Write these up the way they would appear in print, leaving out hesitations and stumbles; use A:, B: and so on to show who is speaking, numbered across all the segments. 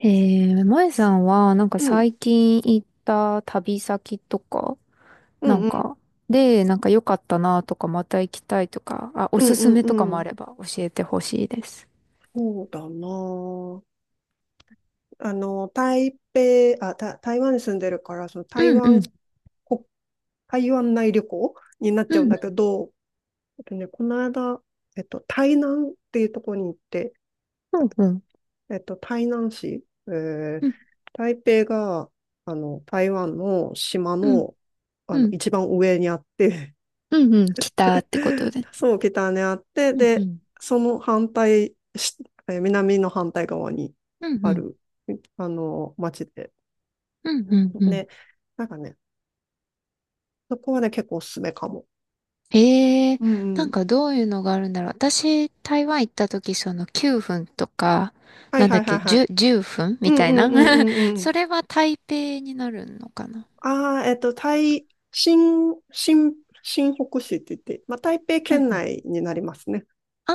A: 前さんは、なんか
B: うん、
A: 最近行った旅先とか、
B: う
A: な
B: ん、
A: ん
B: うん、
A: か、で、なんか良かったなとか、また行きたいとか、あ、お
B: うん、
A: す
B: う
A: す
B: ん、
A: めとか
B: う
A: もあ
B: ん。
A: れば教えてほしいです。
B: そうだなあ。台北、台湾に住んでるから、その台
A: うんうん、
B: 湾、こ、台湾内旅行になっち
A: う
B: ゃうん
A: ん
B: だけど、この間、台南っていうところに行って、
A: うん、うんうん、
B: 台南市、
A: うん
B: 台北が、あの、台湾の島
A: うん、
B: の、あの、一番上にあって、
A: うんうん、来たってことで。
B: そう、北にあって、
A: うんう
B: で、
A: ん、
B: その反対し、え、南の反対側に
A: うんう
B: あ
A: ん、
B: る、あの、町で。
A: うんうん、う
B: で、
A: ん、
B: なんかね、そこはね、結構おすすめかも。
A: ええ、
B: うんう
A: なん
B: ん。
A: かどういうのがあるんだろう。私、台湾行った時、その9分とか、
B: はい
A: なんだ
B: は
A: っ
B: いはい
A: け、
B: はい。
A: 10、分
B: う
A: み
B: ん
A: た
B: う
A: い
B: ん
A: な。
B: うんうん うん。
A: それは台北になるのかな。
B: ああ、えっと、台、新、新、新北市って言って、まあ、台北
A: うん
B: 県
A: うん。
B: 内になりますね。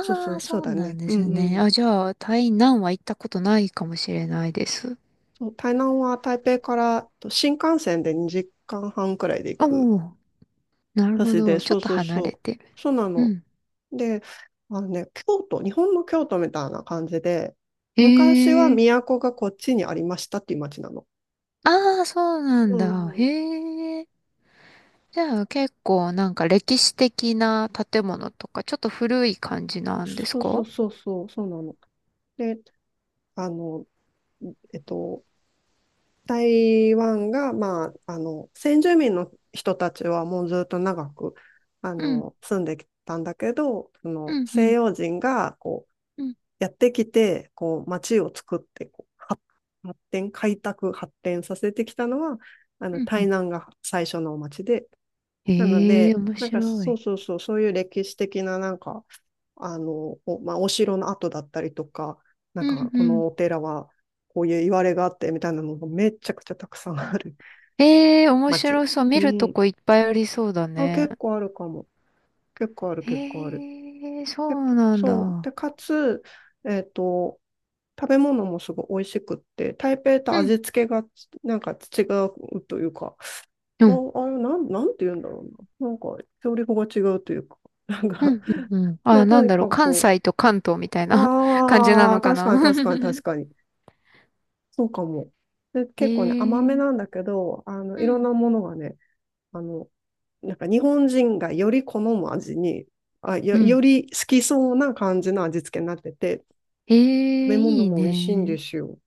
B: そうそう、
A: あ、
B: そう
A: そう
B: だ
A: な
B: ね。
A: んで
B: うん
A: す
B: う
A: ね。
B: ん。
A: あ、じゃあ、台南は行ったことないかもしれないです。
B: そう、台南は台北からと新幹線で2時間半くらいで行く。
A: お、お、なるほ
B: 私で、
A: ど。ち
B: そ
A: ょっ
B: う
A: と
B: そう
A: 離れ
B: そ
A: てる。
B: う。そうな
A: う
B: の。
A: ん。
B: で、あのね、京都、日本の京都みたいな感じで、昔は
A: ええ、
B: 都がこっちにありましたっていう町なの。
A: ああ、そうなん
B: う
A: だ。へ
B: ん。
A: え。じゃあ結構なんか歴史的な建物とか、ちょっと古い感じなんです
B: そうそ
A: か？
B: うそうそう、そうなの。で、あの、えっと、台湾が、まあ、あの、先住民の人たちはもうずっと長く、あ
A: うん、
B: の、住んできたんだけど、そ
A: う
B: の
A: ん、う
B: 西
A: ん、
B: 洋人がこう、
A: うん、
B: やってきて、こう、町を作って、こう発展、開拓、発展させてきたのは、あ
A: う
B: の、
A: ん、う
B: 台
A: ん。
B: 南が最初の町で、なの
A: へえ、
B: で、
A: 面
B: なんか
A: 白
B: そう
A: い。
B: そうそう、そういう歴史的ななんか、まあ、お城の跡だったりとか、なん
A: う
B: か
A: ん
B: こ
A: うん、
B: のお寺はこういう言われがあってみたいなのがめちゃくちゃたくさんある
A: ええ、面
B: 町。
A: 白そう。
B: う
A: 見ると
B: ん。
A: こいっぱいありそうだ
B: あ、
A: ね。
B: 結構あるかも。結構ある、結構ある。
A: ええ、そ
B: で、
A: うなん
B: そう。
A: だ。
B: で、かつ、えっと、食べ物もすごい美味しくって、台北と
A: う
B: 味
A: ん。
B: 付けがなんか違うというか、
A: う
B: あ、
A: ん、
B: あれ、なん、なんて言うんだろうな。なんか、調理法が違うというか、なん
A: う
B: か、
A: ん、うん。うん、
B: ま
A: あ、
B: あ、と
A: なん
B: に
A: だろう。
B: か
A: 関
B: く、
A: 西と関東みたいな 感じな
B: あ
A: の
B: あ、
A: か
B: 確
A: な。
B: かに確かに確かに。そうかも。で、
A: え
B: 結構ね、甘め
A: え、
B: なんだけど、あの、
A: う
B: いろん
A: ん。
B: なものがね、あの、なんか日本人がより好む味に、あ、よ、
A: う
B: よ
A: ん。
B: り好きそうな感じの味付けになってて、
A: え
B: 食
A: え、
B: べ物
A: いい
B: も美味しいんで
A: ね。
B: すよ。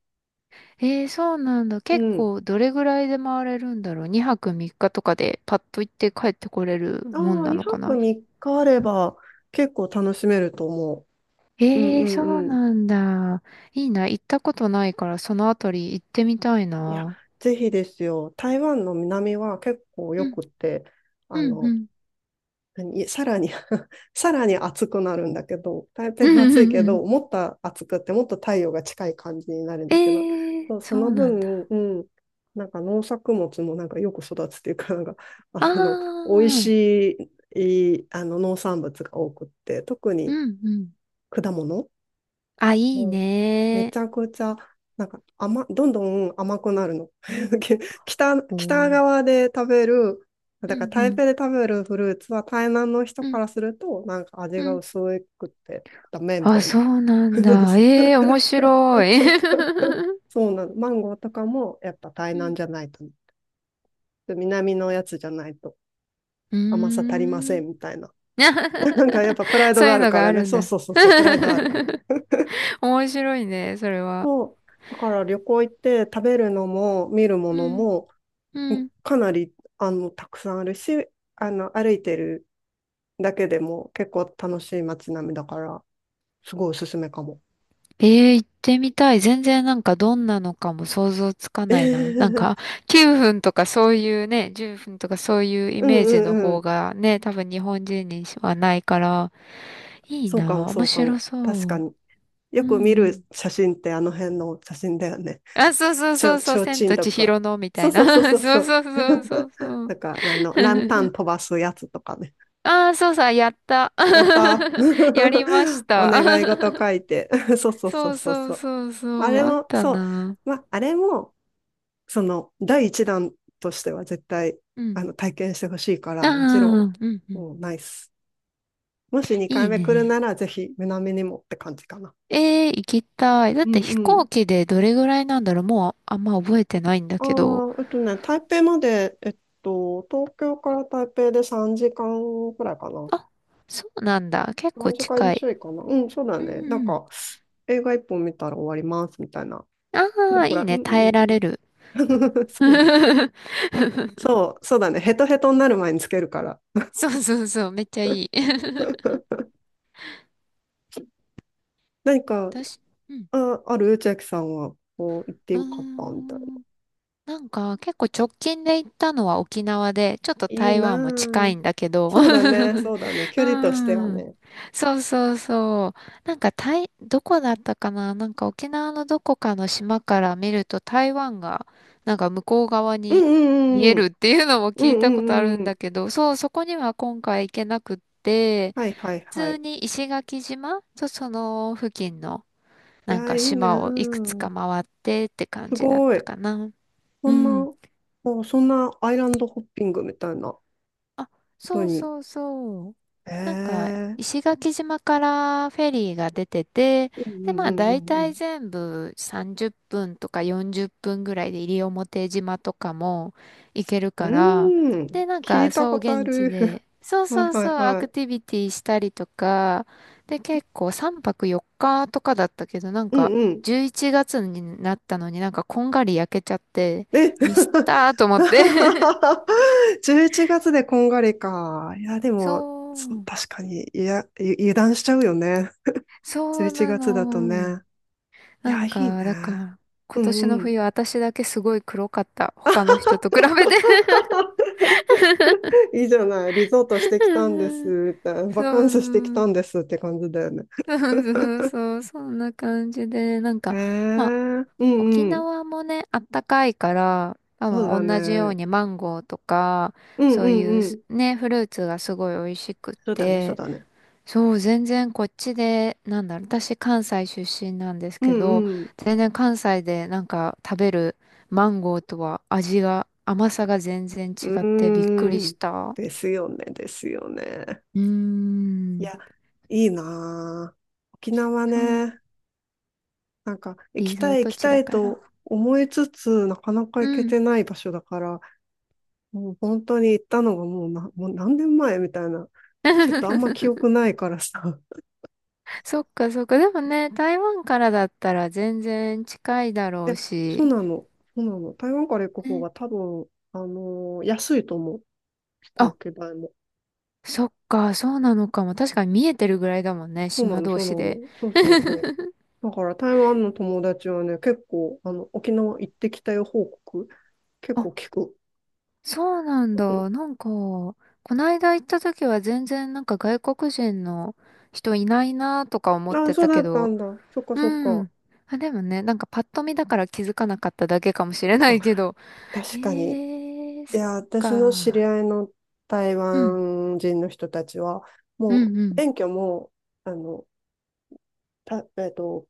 A: ええ、そうなんだ。
B: う
A: 結
B: ん。
A: 構、どれぐらいで回れるんだろう。2泊3日とかでパッと行って帰ってこれるも
B: あ
A: ん
B: あ、
A: なの
B: 2
A: か
B: 泊
A: な。
B: 3日あれば結構楽しめると思う。うん
A: え
B: う
A: え、
B: ん
A: そう
B: うん。
A: なんだ。いいな。行ったことないから、そのあたり行ってみたい
B: いや、
A: な。
B: ぜひですよ。台湾の南は結構よ
A: うん、
B: くって、
A: う
B: あ
A: ん、う
B: の、
A: ん。
B: さらに さらに暑くなるんだけど、台
A: う
B: 北も
A: ん
B: 暑
A: う
B: い
A: ん
B: け
A: う
B: ど、
A: ん。
B: もっと暑くってもっと太陽が近い感じになるんだけど、
A: ええ、
B: そうそ
A: そ
B: の
A: うなん
B: 分、
A: だ。
B: うん、なんか農作物もなんかよく育つっていうか、なんか、
A: あ
B: あの、美
A: あ、
B: 味しい、あの農産物が多くって、特
A: う
B: に
A: んうん。
B: 果物
A: あ、いい
B: もう、めち
A: ね。
B: ゃくちゃ、なんか甘、どんどん甘くなるの。
A: お
B: 北
A: ー、
B: 側で食べる、
A: う
B: だから
A: んう
B: 台
A: ん、
B: 北で食べるフルーツは台南の人
A: う
B: か
A: ん、
B: らすると、なんか
A: う
B: 味が
A: ん。
B: 薄くってダメみ
A: あ、
B: たい
A: そ
B: な。
A: うな ん
B: そう
A: だ。
B: そう
A: ええ、面白い。
B: そうなの。マンゴーとかもやっぱ台
A: う
B: 南
A: ん、
B: じゃないとね。で南のやつじゃないと
A: う
B: 甘さ足りま
A: ー
B: せ
A: ん。
B: んみたいな。なんかやっぱプラ イド
A: そう
B: が
A: い
B: あ
A: う
B: る
A: の
B: か
A: があ
B: らね。
A: るん
B: そう
A: だ。
B: そうそうそう、プライドある。
A: 面白いね、それは。
B: そう。だから旅行行って食べるのも見るも
A: う
B: の
A: ん、
B: も、
A: うん。
B: かなり、あの、たくさんあるし、あの、歩いてるだけでも結構楽しい街並みだから、すごいおすすめかも。
A: ええ、行ってみたい。全然なんかどんなのかも想像つかないな。なん か9分とかそういうね、10分とかそういうイ
B: うん
A: メージ
B: う
A: の
B: んう
A: 方
B: ん。
A: がね、多分日本人にはないから、いい
B: そうかも、
A: な。
B: そ
A: 面
B: うか
A: 白
B: も。
A: そう。
B: 確かに。よ
A: う
B: く見
A: んう
B: る
A: ん。
B: 写真ってあの辺の写真だよね。
A: あ、そうそうそうそ
B: ち
A: う、
B: ょう
A: 千
B: ちん
A: と
B: と
A: 千
B: か。
A: 尋のみた
B: そう
A: い
B: そ
A: な。
B: うそう そう
A: そ
B: そ
A: う
B: う。
A: そうそうそう そ
B: な
A: う。
B: んか、あの、ランタン飛 ばすやつとかね。
A: ああ、そうさ、やった。
B: やった
A: やりま
B: ー
A: し
B: お
A: た。
B: 願い事書 いて。そうそうそ
A: そ
B: う
A: う
B: そう
A: そ
B: そ
A: う
B: う。
A: そうそ
B: あれ
A: う、あっ
B: も、
A: た
B: そう。
A: な。
B: まあ、あれも、その第一弾としては絶対
A: うん。
B: あの体験してほしいか
A: あ
B: ら、
A: あ、
B: もちろん、
A: うんうん。
B: もうナイス。もし2
A: い
B: 回
A: い
B: 目来るな
A: ね。
B: ら、ぜひ南にもって感じかな。
A: ええ、行きたい。だっ
B: うん
A: て飛
B: う
A: 行
B: ん、
A: 機でどれぐらいなんだろう。もうあんま覚えてないんだ
B: あ
A: けど。
B: 台北まで、東京から台北で3時間くらいかな。
A: あ、そうなんだ。結
B: 3
A: 構
B: 時間
A: 近い。
B: ちょいかな。うん、そうだ
A: うん
B: ね。なん
A: うん。
B: か、映画1本見たら終わります、みたいな。
A: あ
B: うん
A: あ、
B: こ
A: い
B: れ、
A: い
B: う
A: ね。
B: ん。うんう
A: 耐えられる。
B: んうん。そうね。 そう、そうだね。ヘトヘトになる前につけるから。
A: そうそうそう。めっちゃいい。
B: 何か
A: 私、うん。
B: あ、ある、千秋さんは、こう、行って
A: うー
B: よかったみたいな。
A: ん。なんか結構直近で行ったのは沖縄で、ちょっと
B: いい
A: 台
B: な
A: 湾も近
B: ぁ。
A: いんだけど。
B: そうだね、そうだね。距
A: う
B: 離としては
A: ん。
B: ね。
A: そうそうそう。なんかどこだったかな、なんか沖縄のどこかの島から見ると台湾がなんか向こう側
B: う
A: に見
B: ん
A: え
B: う
A: る
B: ん
A: っていうのも
B: うんうん。う
A: 聞いたことあ
B: んうん
A: る
B: う
A: ん
B: ん。
A: だけど、そう、そこには今回行けなくって、
B: はいはい
A: 普
B: は
A: 通
B: い。
A: に石垣島とその付近の
B: い
A: なん
B: や、
A: か
B: いいね
A: 島をいくつ
B: ぁ。
A: か回ってって感
B: す
A: じだっ
B: ご
A: た
B: い。
A: かな。
B: そ
A: う
B: ん
A: ん。
B: な、そんなアイランドホッピングみたいなこ
A: あ、
B: と
A: そう
B: に。
A: そうそう。なんか、
B: ええ、
A: 石垣島からフェリーが出てて、
B: うん
A: で、ま
B: う
A: あ、
B: んう
A: 大体
B: ん
A: 全部30分とか40分ぐらいで西表島とかも行ける
B: うん
A: から、
B: うん。うーん。
A: で、なん
B: 聞
A: か、
B: いた
A: そう、
B: ことあ
A: 現地
B: る。
A: で、そう
B: はい
A: そう
B: は
A: そ
B: い
A: う、ア
B: は
A: ク
B: い。
A: ティビティしたりとか、で、結構3泊4日とかだったけど、なん
B: うん
A: か、
B: うん。
A: 11月になったのになんかこんがり焼けちゃって、
B: え
A: ミスったーと思って。
B: 11月でこんがりか。いや、でも、
A: そう。
B: 確かに、いや、油断しちゃうよね。
A: そう
B: 11
A: な
B: 月だと
A: の。
B: ね。い
A: な
B: や、
A: ん
B: いいね。
A: か、だから、今
B: う
A: 年
B: ん
A: の
B: うん。
A: 冬私だけすごい黒かった。他の人と比べて、
B: いいじゃない。リゾートしてきたんで
A: うん。
B: すって、バカ
A: そ
B: ン
A: うそ
B: スしてきた
A: う。
B: んですって感じだよね。
A: そうそうそう。そんな感じで、なん
B: え
A: か、まあ、
B: ー、う
A: 沖
B: んうん。
A: 縄もね、あったかいから、多
B: そうだ
A: 分同じよう
B: ね。
A: にマンゴーとか、
B: うん
A: そ
B: う
A: う
B: ん
A: いう
B: う
A: す
B: ん。
A: ね、フルーツがすごい美味しくっ
B: そうだね、そう
A: て、
B: だね。
A: そう、全然こっちで、なんだろう、私関西出身なんです
B: うん
A: けど、
B: うん。
A: 全然関西でなんか食べるマンゴーとは味が、甘さが全然
B: う
A: 違ってびっくり
B: ー
A: し
B: ん。
A: た。
B: ですよね、ですよね。
A: うー
B: い
A: ん。
B: や、いいなぁ。沖縄
A: そう、
B: ね、なんか行き
A: リゾ
B: た
A: ー
B: い行
A: ト
B: き
A: 地
B: た
A: だ
B: い
A: から。
B: と思いつつ、なかなか
A: う
B: 行け
A: ん。
B: てない場所だから、もう本当に行ったのがもうな、もう何年前みたいな。ちょっとあんま記 憶ないからさ。
A: そっかそっか。でもね、台湾からだったら全然近いだろ
B: いや、
A: う
B: そう
A: し。
B: なの。そうなの。台湾から行く方
A: ね、
B: が多分、あのー安いと思う。飛行
A: あ、
B: 機代も。
A: そっか、そうなのかも。確かに見えてるぐらいだもんね、
B: そうな
A: 島
B: の、
A: 同
B: そうな
A: 士で。
B: の。そうそうそう。だから台湾の友達はね、結構、あの、沖縄行ってきたよ報告、結構聞く。
A: そうなんだ。なんか、こないだ行った時は全然なんか外国人の人いないなとか思っ
B: あ、
A: て
B: そう
A: た
B: だ
A: け
B: った
A: ど、
B: んだ。そっかそっ
A: う
B: か。
A: ん。あ、でもね、なんかパッと見だから気づかなかっただけかもしれな
B: あ、
A: いけど。
B: 確かに。
A: へえ、そ
B: い
A: っ
B: や、私の知り
A: か。
B: 合いの台
A: うん、
B: 湾人の人たちは、
A: う
B: もう、
A: ん、うん。
B: 免許も、あの、た、えっと、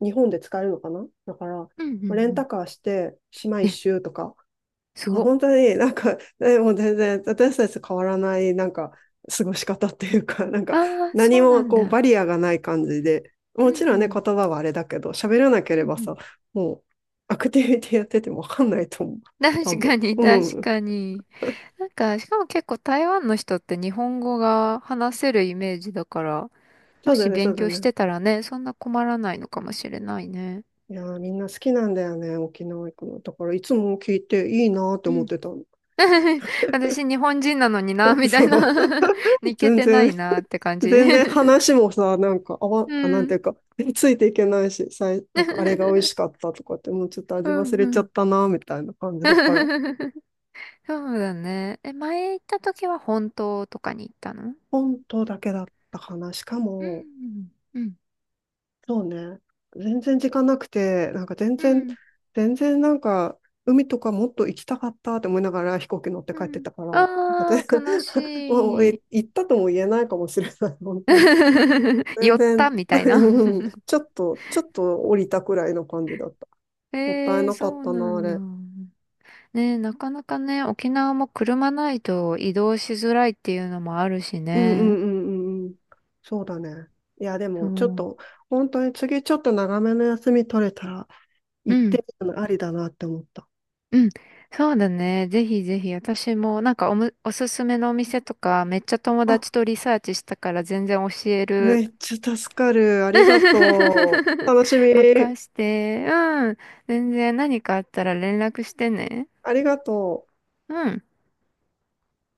B: 日本で使えるのかなだから、
A: うん、うん、う
B: レン
A: ん。
B: タカーして、島一
A: え、
B: 周とか、
A: す
B: あ、
A: ごっ。
B: 本当になんか、もう全然私たちと変わらないなんか過ごし方っていうか、なんか
A: ああ、
B: 何
A: そうな
B: も
A: ん
B: こうバ
A: だ。
B: リアがない感じで、
A: う
B: も
A: ん、
B: ちろ
A: う
B: んね、
A: ん、
B: 言葉はあれだけど、喋らな
A: う
B: けれ
A: ん、
B: ば
A: うん。
B: さ、もうアクティビティやっててもわかんないと思う。多
A: 確か
B: 分。
A: に、
B: う
A: 確
B: ん。
A: かに。なんか、しかも結構台湾の人って日本語が話せるイメージだから、
B: そ
A: も
B: うだ
A: し
B: ね、そ
A: 勉
B: うだ
A: 強し
B: ね。
A: てたらね、そんな困らないのかもしれないね。
B: いやー、みんな好きなんだよね、沖縄行くの。だからいつも聞いていいなーって
A: う
B: 思っ
A: ん。
B: てたの。
A: 私、日本人なのにな、みた
B: そ
A: い
B: う。
A: な。 い け
B: 全
A: てな
B: 然
A: いなって感じ。
B: 全然 話もさ、なんか、あわ、
A: う
B: あ、なんてい
A: ん。
B: うか、ついていけないし、なんか、あれが美味 しかったとかって、もうちょっと
A: う
B: 味忘
A: ん
B: れち
A: う
B: ゃっ
A: ん。
B: たな、みたいな感じだから、
A: そうだね。え、前行った時は本当とかに行ったの？
B: 本当だけだったかな。しか
A: う
B: も、
A: んうん
B: そうね、全然時間なくて、なんか全
A: う
B: 然、
A: ん
B: 全然なんか、海とかもっと行きたかったって思いながら飛行機乗って
A: う
B: 帰って
A: ん、
B: たから、なんか
A: あ
B: 全
A: あー、悲
B: もう
A: し
B: い
A: い。
B: 行ったとも言えないかもしれない、本当に。
A: 寄
B: 全
A: った
B: 然、
A: み たいな。
B: うん、ちょっと降りたくらいの感じだった。もったい
A: えー、
B: なかっ
A: そう
B: た
A: な
B: な、あ
A: んだ。
B: れ。
A: ね、なかなかね、沖縄も車ないと移動しづらいっていうのもあるし
B: うんう
A: ね。
B: んうんうんうん。そうだね。いや、で
A: そ
B: も、ちょっ
A: う。
B: と、本当に次、ちょっと長めの休み取れたら、
A: う
B: 行っ
A: ん、
B: てみるのありだなって思った。
A: うん。そうだね。ぜひぜひ、私もなんかおすすめのお店とか、めっちゃ友
B: あ、
A: 達とリサーチしたから全然教える。
B: めっちゃ助かる。ありがとう。楽しみ。
A: 任して。うん。全然何かあったら連絡してね。
B: ありがとう。
A: うん。